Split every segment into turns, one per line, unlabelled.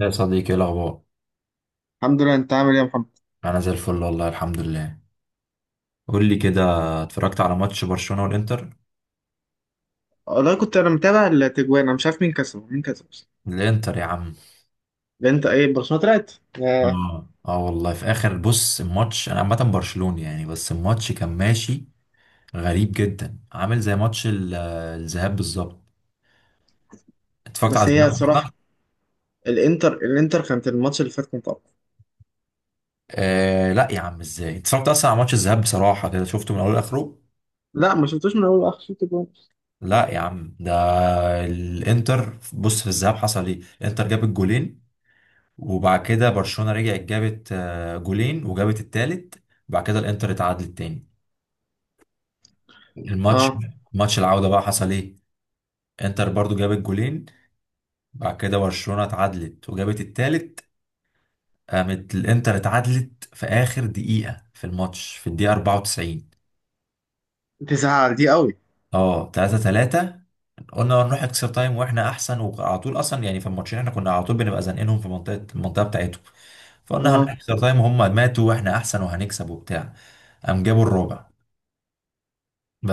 يا صديقي، ايه الاخبار؟
الحمد لله، انت عامل ايه يا محمد؟
انا زي الفل والله الحمد لله. قول لي كده، اتفرجت على ماتش برشلونة والانتر؟
والله كنت انا متابع التجوان، انا مش عارف مين كسب، مين كسب بس.
الانتر يا عم.
انت ايه، برشلونه طلعت؟ ياه.
اه والله في اخر بص الماتش انا عامه برشلوني يعني، بس الماتش كان ماشي غريب جدا، عامل زي ماتش الذهاب بالظبط. اتفرجت على
بس هي
الذهاب؟
صراحه، الانتر كانت الماتش اللي فات كنت اقوى.
آه لا يا عم، ازاي اتفرجت اصلا على ماتش الذهاب بصراحه؟ كده شفته من اوله لاخره.
لا، ما شفتوش من اول لاخر، شفت جوان.
لا يا عم، ده الانتر بص. في الذهاب حصل ايه؟ الانتر جاب الجولين، وبعد كده برشلونة رجعت جابت جولين وجابت التالت، وبعد كده الانتر اتعادلت تاني الماتش.
اه،
ماتش العودة بقى حصل ايه؟ انتر برضو جابت جولين، بعد كده برشلونة اتعادلت وجابت التالت، قامت الانتر اتعادلت في اخر دقيقة في الماتش، في الدقيقة 94.
تزعل دي قوي.
اه، 3-3. قلنا نروح اكسترا تايم واحنا احسن، وعلى طول اصلا يعني في الماتشين احنا كنا على طول بنبقى زنقينهم في المنطقة بتاعتهم. فقلنا هنروح
اه،
اكسترا تايم وهم ماتوا واحنا احسن وهنكسب وبتاع. قام جابوا الرابع،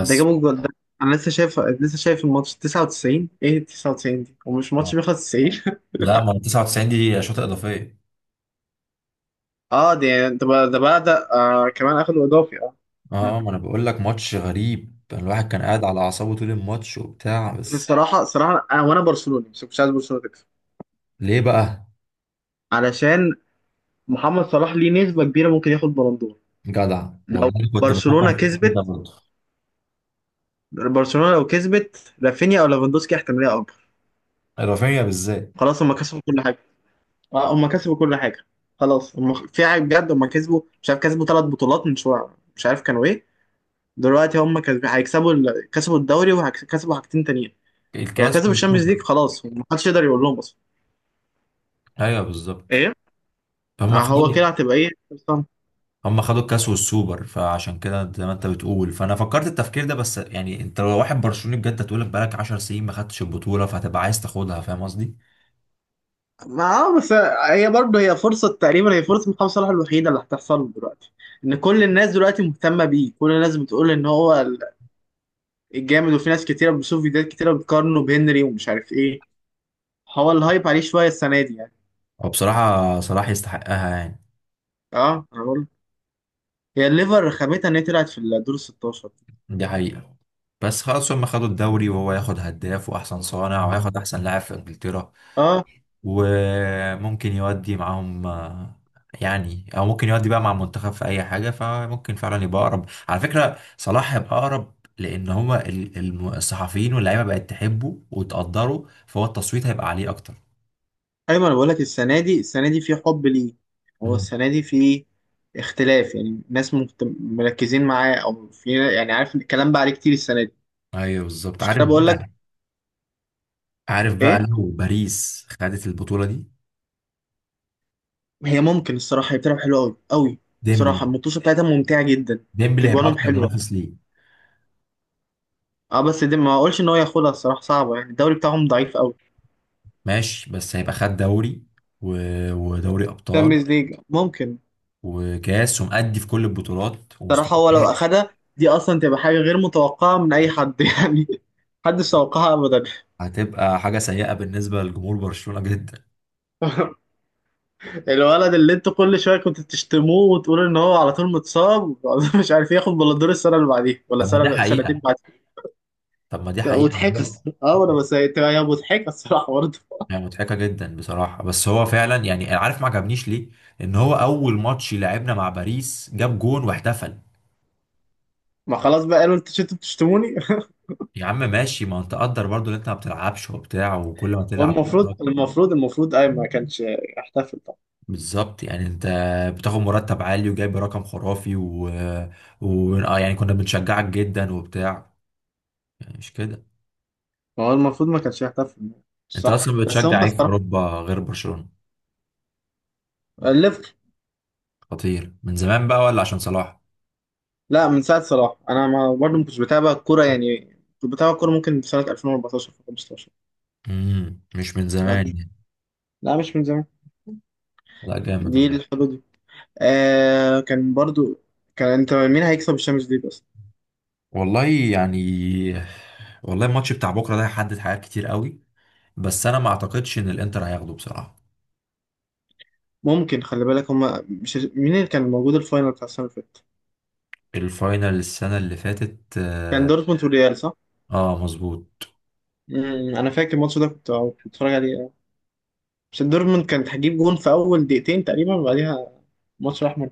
ده جابوا الجول ده. انا لسه شايف الماتش 99، ايه 99 دي؟ ومش
آه.
ماتش بيخلص 90.
لا ما هو 99 دي شوطة إضافية.
اه دي، ده آه، كمان اخدوا اضافي، اه. مم.
اه، ما انا بقول لك ماتش غريب، الواحد كان قاعد على اعصابه طول الماتش وبتاع،
بس
بس.
الصراحه انا وانا برشلوني، بس كنتش عايز برشلونه تكسب.
ليه بقى؟
علشان محمد صلاح ليه نسبة كبيرة ممكن ياخد بلندور.
جدع
لو
والله، كنت
برشلونة
بفكر في
كسبت،
كده برضه.
لو كسبت رافينيا او ليفاندوسكي احتمالية اكبر.
إضافية بالذات.
خلاص هم كسبوا كل حاجة. اه هم كسبوا كل حاجة. خلاص هم في حاجة بجد، هم كسبوا، مش عارف كسبوا 3 بطولات من شوية، مش عارف كانوا ايه. دلوقتي هم كسبوا، كسبوا الدوري وهيكسبوا حاجتين تانيين. ولو
الكاس
كسبوا الشامبيونز
والسوبر.
ليج، خلاص محدش يقدر يقول لهم اصلا.
ايوه بالظبط.
ايه؟
هم
آه،
خدوا،
هو كده هتبقى ايه.
هم خدوا الكاس والسوبر، فعشان كده زي ما انت بتقول، فانا فكرت التفكير ده، بس يعني انت لو واحد برشلوني بجد هتقول بقالك 10 سنين ما خدتش البطولة، فهتبقى عايز تاخدها. فاهم قصدي؟
ما اه، بس هي برضه، هي فرصة محمد صلاح الوحيدة اللي هتحصل له دلوقتي. إن كل الناس دلوقتي مهتمة بيه، كل الناس بتقول إن هو الجامد. وفي ناس كتيرة، بشوف فيديوهات كتيرة بتقارنه بهنري، ومش عارف إيه. هو الهايب عليه شوية السنة دي يعني.
وبصراحة صلاح يستحقها يعني.
اه أنا بقول، هي الليفر رخامتها إن هي طلعت في الدور ال 16.
دي حقيقة. بس خلاص هم خدوا الدوري، وهو ياخد هداف وأحسن صانع وياخد أحسن لاعب في إنجلترا،
اه،
وممكن يودي معاهم يعني، أو ممكن يودي بقى مع المنتخب في أي حاجة. فممكن فعلا يبقى أقرب. على فكرة صلاح يبقى أقرب، لأن هما الصحفيين واللعيبة بقت تحبه وتقدره، فهو التصويت هيبقى عليه أكتر.
أيوة، أنا بقول لك السنة دي، السنة دي في حب ليه. هو
مم.
السنة دي في اختلاف، يعني ناس مركزين معاه، أو في، يعني عارف، الكلام بقى عليه كتير السنة دي.
أيوه بالظبط.
مش كده
عارف
بقول لك؟
بقى، عارف بقى
إيه،
لو باريس خدت البطولة دي.
هي ممكن الصراحة، هي بتلعب حلوة أوي أوي.
ديمبلي،
صراحة المطوشة بتاعتها ممتعة جدا.
ديمبلي هيبقى
تجوانهم
أكتر
حلوة.
منافس ليه.
اه، بس دي ما أقولش إن هو ياخدها، الصراحة صعبة يعني، الدوري بتاعهم ضعيف أوي.
ماشي، بس هيبقى خد دوري و... ودوري ابطال
تشامبيونز ليج ممكن.
وكاس، ومأدي في كل البطولات ومستمر.
صراحة، هو لو أخدها دي أصلا تبقى حاجة غير متوقعة من أي حد يعني، محدش توقعها أبدا.
هتبقى حاجه سيئه بالنسبه لجمهور برشلونه جدا.
الولد اللي انتوا كل شوية كنتوا تشتموه، وتقولوا إن هو على طول متصاب مش عارف ياخد بلندور السنة اللي بعديها، ولا
طب ما دي
سنة سنتين
حقيقه.
بعديها.
طب ما دي حقيقه
مضحكة
هو-
الصراحة، اه، أنا بس هي مضحكة الصراحة برضه.
يعني مضحكه جدا بصراحه، بس هو فعلا يعني أنا عارف ما عجبنيش ليه. ان هو اول ماتش لعبنا مع باريس جاب جون واحتفل.
ما خلاص بقى، قالوا انتوا شفتوا بتشتموني.
يا عم ماشي، ما انت قدر برضو ان انت ما بتلعبش وبتاع، وكل ما تلعب.
والمفروض المفروض المفروض اي ما كانش يحتفل طبعا.
بالظبط يعني، انت بتاخد مرتب عالي وجايب رقم خرافي يعني كنا بنشجعك جدا وبتاع، يعني مش كده.
هو المفروض ما كانش يحتفل
انت
صح.
اصلا
بس هم
بتشجع ايه في
الصراحه.
اوروبا غير برشلونة؟
الليفر.
خطير من زمان بقى ولا عشان صلاح؟
لا، من ساعه صلاح، انا ما برضه ما كنتش بتابع الكوره يعني. كنت بتابع الكوره ممكن في سنه 2014، في 15.
مش من زمان يعني.
لا مش من زمان،
لا جامد
دي
والله.
الحدود دي. آه كان برضو، انت مين هيكسب الشامبيونز ليج بس؟
والله يعني، والله الماتش بتاع بكره ده هيحدد حاجات كتير قوي، بس انا ما اعتقدش ان الانتر هياخده بصراحة.
ممكن، خلي بالك، هما مش مين اللي كان موجود الفاينل بتاع السنه اللي فاتت؟
الفاينل السنة اللي فاتت،
كان
اه.
دورتموند والريال صح؟
آه، مظبوط.
انا فاكر الماتش ده، كنت بتفرج عليه. مش دورتموند كانت هتجيب جون في اول دقيقتين تقريبا، وبعديها ماتش احمر.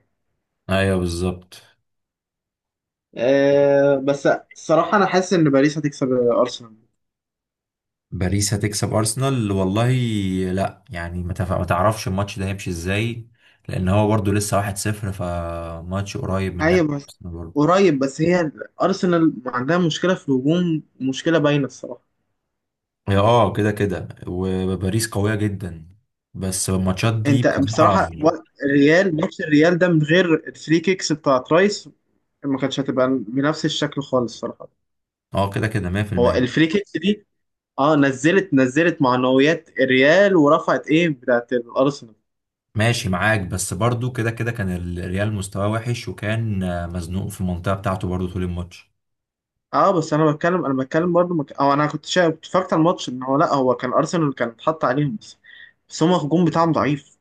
ايوه بالظبط.
أه بس الصراحه، انا حاسس ان باريس هتكسب ارسنال.
باريس هتكسب ارسنال والله. لا يعني، ما تعرفش الماتش ده هيمشي ازاي، لان هو برضو لسه 1-0، فماتش قريب من ناحية
ايوه بس،
ارسنال برضو.
قريب بس هي، ارسنال عندها مشكله في الهجوم، مشكله باينه الصراحه.
هي اه، كده كده، وباريس قوية جدا، بس الماتشات دي
انت
بصراحة.
بصراحه و- الريال ماتش الريال ده من غير الفري كيكس بتاعت رايس ما كانتش هتبقى بنفس الشكل خالص الصراحه.
اه كده كده،
هو
100%.
الفري كيكس دي، اه، نزلت معنويات الريال ورفعت ايه بتاعت الارسنال.
ماشي معاك، بس برضو كده كده كان الريال مستواه وحش، وكان مزنوق في المنطقة بتاعته برضو طول الماتش.
اه بس انا بتكلم، برضو او انا كنت اتفرجت على الماتش، ان هو، لا هو كان ارسنال كان اتحط عليهم بس. بس هما الهجوم بتاعهم ضعيف،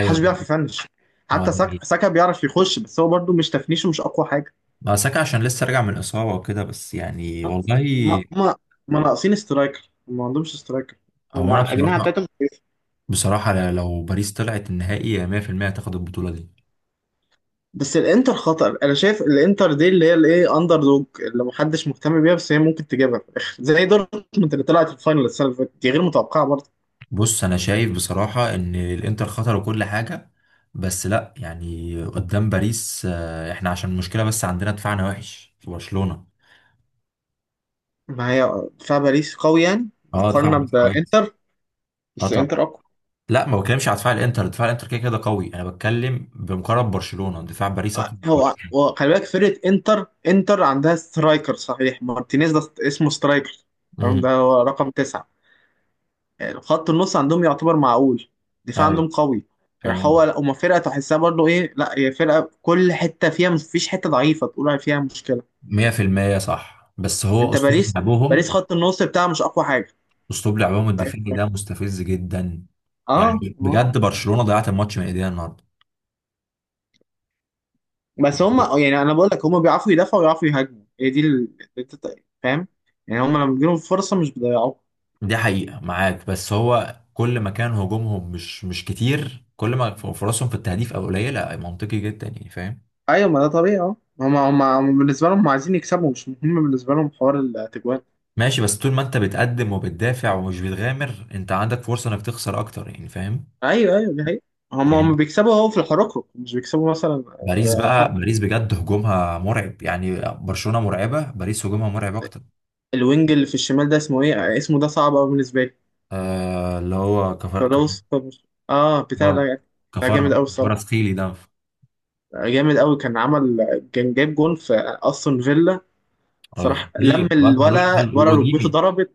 محدش بيعرف يفنش.
اه
حتى
ده حقيقي.
ساكا بيعرف يخش، بس هو برضو مش تفنيشه، مش اقوى حاجه.
ما ساكا عشان لسه راجع من اصابة وكده، بس يعني والله.
هما هما ناقصين سترايكر، هم ما عندهمش سترايكر.
هو انا
هما أجنحة
بصراحة،
بتاعتهم كويسة.
بصراحة لو باريس طلعت النهائي 100% هتاخد البطولة دي.
بس الانتر خطر، انا شايف الانتر دي اللي هي الايه اندر دوج اللي محدش مهتم بيها، بس هي ممكن تجيبها في الاخر، زي دورتموند اللي طلعت الفاينل السنه اللي فاتت دي، غير متوقعه.
بص، أنا شايف بصراحة إن الإنتر خطر وكل حاجة، بس لأ يعني قدام باريس إحنا عشان المشكلة بس عندنا دفاعنا وحش في برشلونة.
ما هي دفاع باريس قوي يعني،
أه دفاع
مقارنة
باريس كويس.
بإنتر.
أه
بس
طبعا.
إنتر أقوى.
لأ، ما بتكلمش على دفاع الإنتر، دفاع الإنتر كده كده قوي. أنا بتكلم بمقارنة برشلونة، دفاع باريس أقوى
آه،
من
هو
برشلونة.
هو خلي بالك، فرقة إنتر عندها سترايكر صحيح، مارتينيز ده اسمه سترايكر، تمام؟
امم.
ده هو رقم 9، يعني خط النص عندهم يعتبر معقول، دفاع
أيوه،
عندهم قوي. يعني
فاهم
هو،
قصدك.
لا هما فرقة تحسها برضه إيه، لا هي فرقة كل حتة فيها، مفيش حتة ضعيفة تقول عليها فيها مشكلة.
100% صح، بس هو
أنت
أسلوب
باريس، باريس
لعبهم،
خط النص بتاعها مش أقوى حاجة.
اسلوب لعبهم الدفاعي ده مستفز جدا.
اه
يعني بجد برشلونة ضيعت الماتش من ايديها النهارده.
بس هم، يعني انا بقول لك، هم بيعرفوا يدافعوا ويعرفوا يهاجموا، هي دي اللي انت فاهم. يعني هم لما بيجيلهم فرصه مش بيضيعوها.
دي حقيقة معاك، بس هو كل ما كان هجومهم مش كتير، كل ما فرصهم في التهديف او قليلة. منطقي جدا يعني، فاهم.
ايوه، ما ده طبيعي، اه، هم بالنسبه لهم عايزين يكسبوا، مش مهم بالنسبه لهم حوار التجوان.
ماشي، بس طول ما انت بتقدم وبتدافع ومش بتغامر، انت عندك فرصة انك تخسر اكتر يعني، فاهم.
ايوه ايوه، دي حقيقة. هم
يعني
بيكسبوا اهو في الحركة، مش بيكسبوا مثلا
باريس
بفرق.
بقى، باريس بجد هجومها مرعب. يعني برشلونة مرعبة، باريس هجومها مرعب اكتر.
الوينج اللي في الشمال ده اسمه ايه؟ ده صعب قوي بالنسبه لي.
آه اللي هو
فلوس، اه بتاع
كفر.
ده، ده جامد قوي
كفارة
الصراحه.
سخيلي ده.
جامد قوي، كان عمل، كان جايب جون في استون فيلا.
اه
صراحه
خطير،
لم
واد ملوش حل.
ولا ركبته
واوديمي،
ضربت.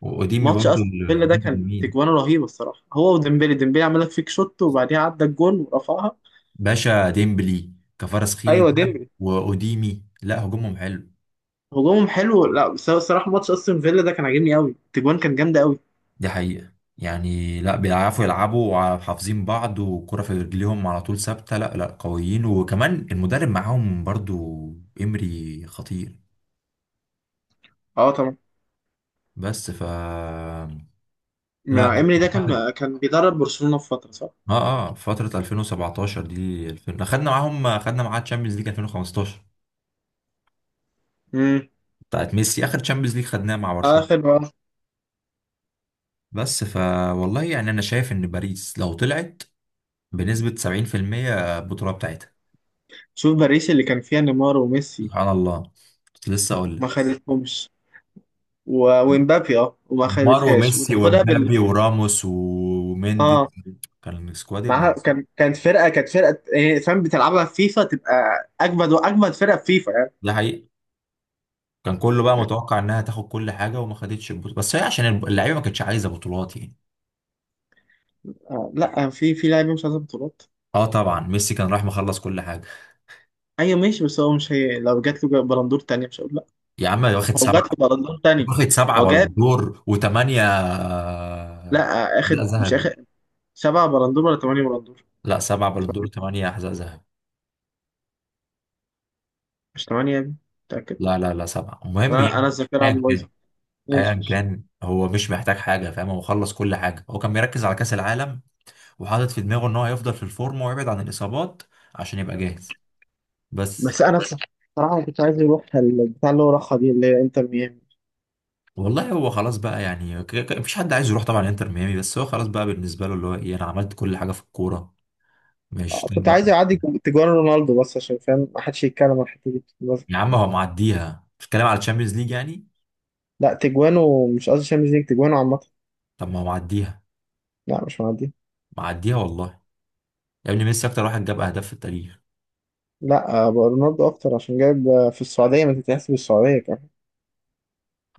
واوديمي
ماتش
برضو
استون فيلا ده
الوينج
كان
اليمين.
تجوانه رهيبه الصراحه، هو وديمبلي عمل لك فيك شوت، وبعديها عدى الجون ورفعها.
باشا ديمبلي، كفارس خيلي
ايوه،
ده،
ديمبلي.
واوديمي. لا هجومهم حلو.
هجومهم حلو، لا، بس هو الصراحه ماتش استون فيلا ده كان عاجبني قوي، التجوان كان جامده قوي.
دي حقيقة. يعني لا، بيعرفوا يلعبوا وحافظين بعض، والكرة في رجليهم على طول ثابتة. لا لا، قويين، وكمان المدرب معاهم برضو. إمري خطير.
اه طبعا.
بس ف لا لا
ايمري ده
أعتقد.
كان بيدرب برشلونه في فتره، صح؟
اه اه، فترة 2017 دي، 2000 خدنا معاهم، خدنا معاها تشامبيونز ليج 2015
امم
بتاعت ميسي. اخر تشامبيونز ليج خدناها مع برشلونة.
اخر بقى،
بس ف والله يعني انا شايف ان باريس لو طلعت بنسبة 70% البطولة بتاعتها.
شوف باريس اللي كان فيها نيمار وميسي،
سبحان الله، كنت لسه اقول
ما
لك.
خدتهمش، و... ومبابي، اه، وما
نيمار
خدتهاش
وميسي
وتاخدها بال.
ومبابي وراموس وميندي،
اه،
كان سكواد
معاها
ابن.
كانت فرقه إيه، فاهم، بتلعبها في فيفا تبقى اجمد، واجمد فرقه في فيفا يعني.
ده حقيقي. كان كله بقى متوقع انها تاخد كل حاجة، وما خدتش البطولة، بس هي عشان اللعيبة ما كانتش عايزة بطولات يعني.
آه لا، آه، في لعيبه مش عايزه بطولات.
اه طبعا، ميسي كان راح مخلص كل حاجة.
ايوه ماشي، بس هو مش، هي لو جات له بلندور تانية مش هقول لا.
يا عم، واخد
هو جات
سبعة.
له بلندور تانية.
واخد سبعة
هو
بالون
جاب،
دور وثمانية
لا آه، اخد،
حذاء
مش اخد
ذهبي.
7 بلندور ولا 8 بلندور؟
لا، سبعة بالون دور وثمانية حذاء ذهبي.
مش 8 يا ابني، متأكد؟
لا لا لا، سبعة، المهم
انا
يعني
الذاكرة
ايا
عندي
كان.
بايظة.
ايا
ماشي ماشي.
كان، هو مش محتاج حاجه فاهم، هو خلص كل حاجه، هو كان مركز على كاس العالم وحاطط في دماغه ان هو هيفضل في الفورم ويبعد عن الاصابات عشان يبقى جاهز، بس.
بس انا بصراحة، كنت عايز يروح البتاع اللي هو راحها دي اللي هي انتر ميامي.
والله هو خلاص بقى يعني، مفيش حد عايز يروح طبعا انتر ميامي، بس هو خلاص بقى بالنسبه له اللي هو ايه، انا عملت كل حاجه في الكوره. مش
آه،
طيب.
كنت عايز يعدي، تجوان رونالدو، بس عشان فاهم ما حدش يتكلم عن الحتة دي بس.
يا عم هو معديها، بتتكلم على الشامبيونز ليج يعني.
لا، تجوانه، مش قصدي شامبيونز ليج، تجوانه عامة.
طب ما هو معديها.
لا مش معدي.
معديها والله. يا ابني ميسي اكتر واحد جاب اهداف في التاريخ.
لا آه، بقى رونالدو اكتر، عشان جايب آه، في السعوديه، ما تتحسب السعوديه كمان.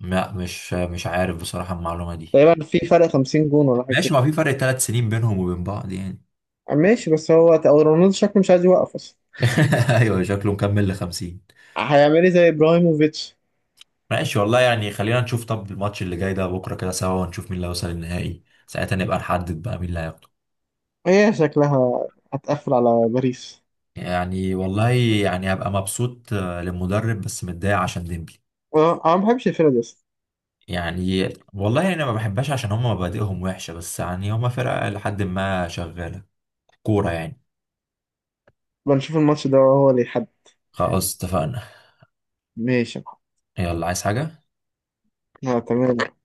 لا، مش مش عارف بصراحه المعلومه دي.
تقريبا في فرق 50 جون ولا حاجه
ماشي،
كده.
ما في فرق 3 سنين بينهم وبين بعض يعني.
آه، ماشي، بس هو أو رونالدو شكله مش عايز يوقف اصلا.
ايوه شكله مكمل ل 50.
هيعمل ايه، زي ابراهيموفيتش.
ماشي والله يعني، خلينا نشوف طب الماتش اللي جاي ده بكره كده سوا، ونشوف مين اللي هيوصل النهائي، ساعتها نبقى نحدد بقى مين اللي هياخده.
هي شكلها هتقفل على باريس.
يعني والله، يعني هبقى مبسوط للمدرب بس متضايق عشان ديمبلي.
آه، انا ما بحبش الفرقه دي اصلا.
يعني والله انا ما بحبهاش، عشان هم مبادئهم وحشه، بس يعني هم فرقه لحد ما شغاله كوره يعني.
بنشوف الماتش ده هو اللي يحدد.
خلاص اتفقنا.
ماشي.
يلا، عايز حاجه؟
آه، تمام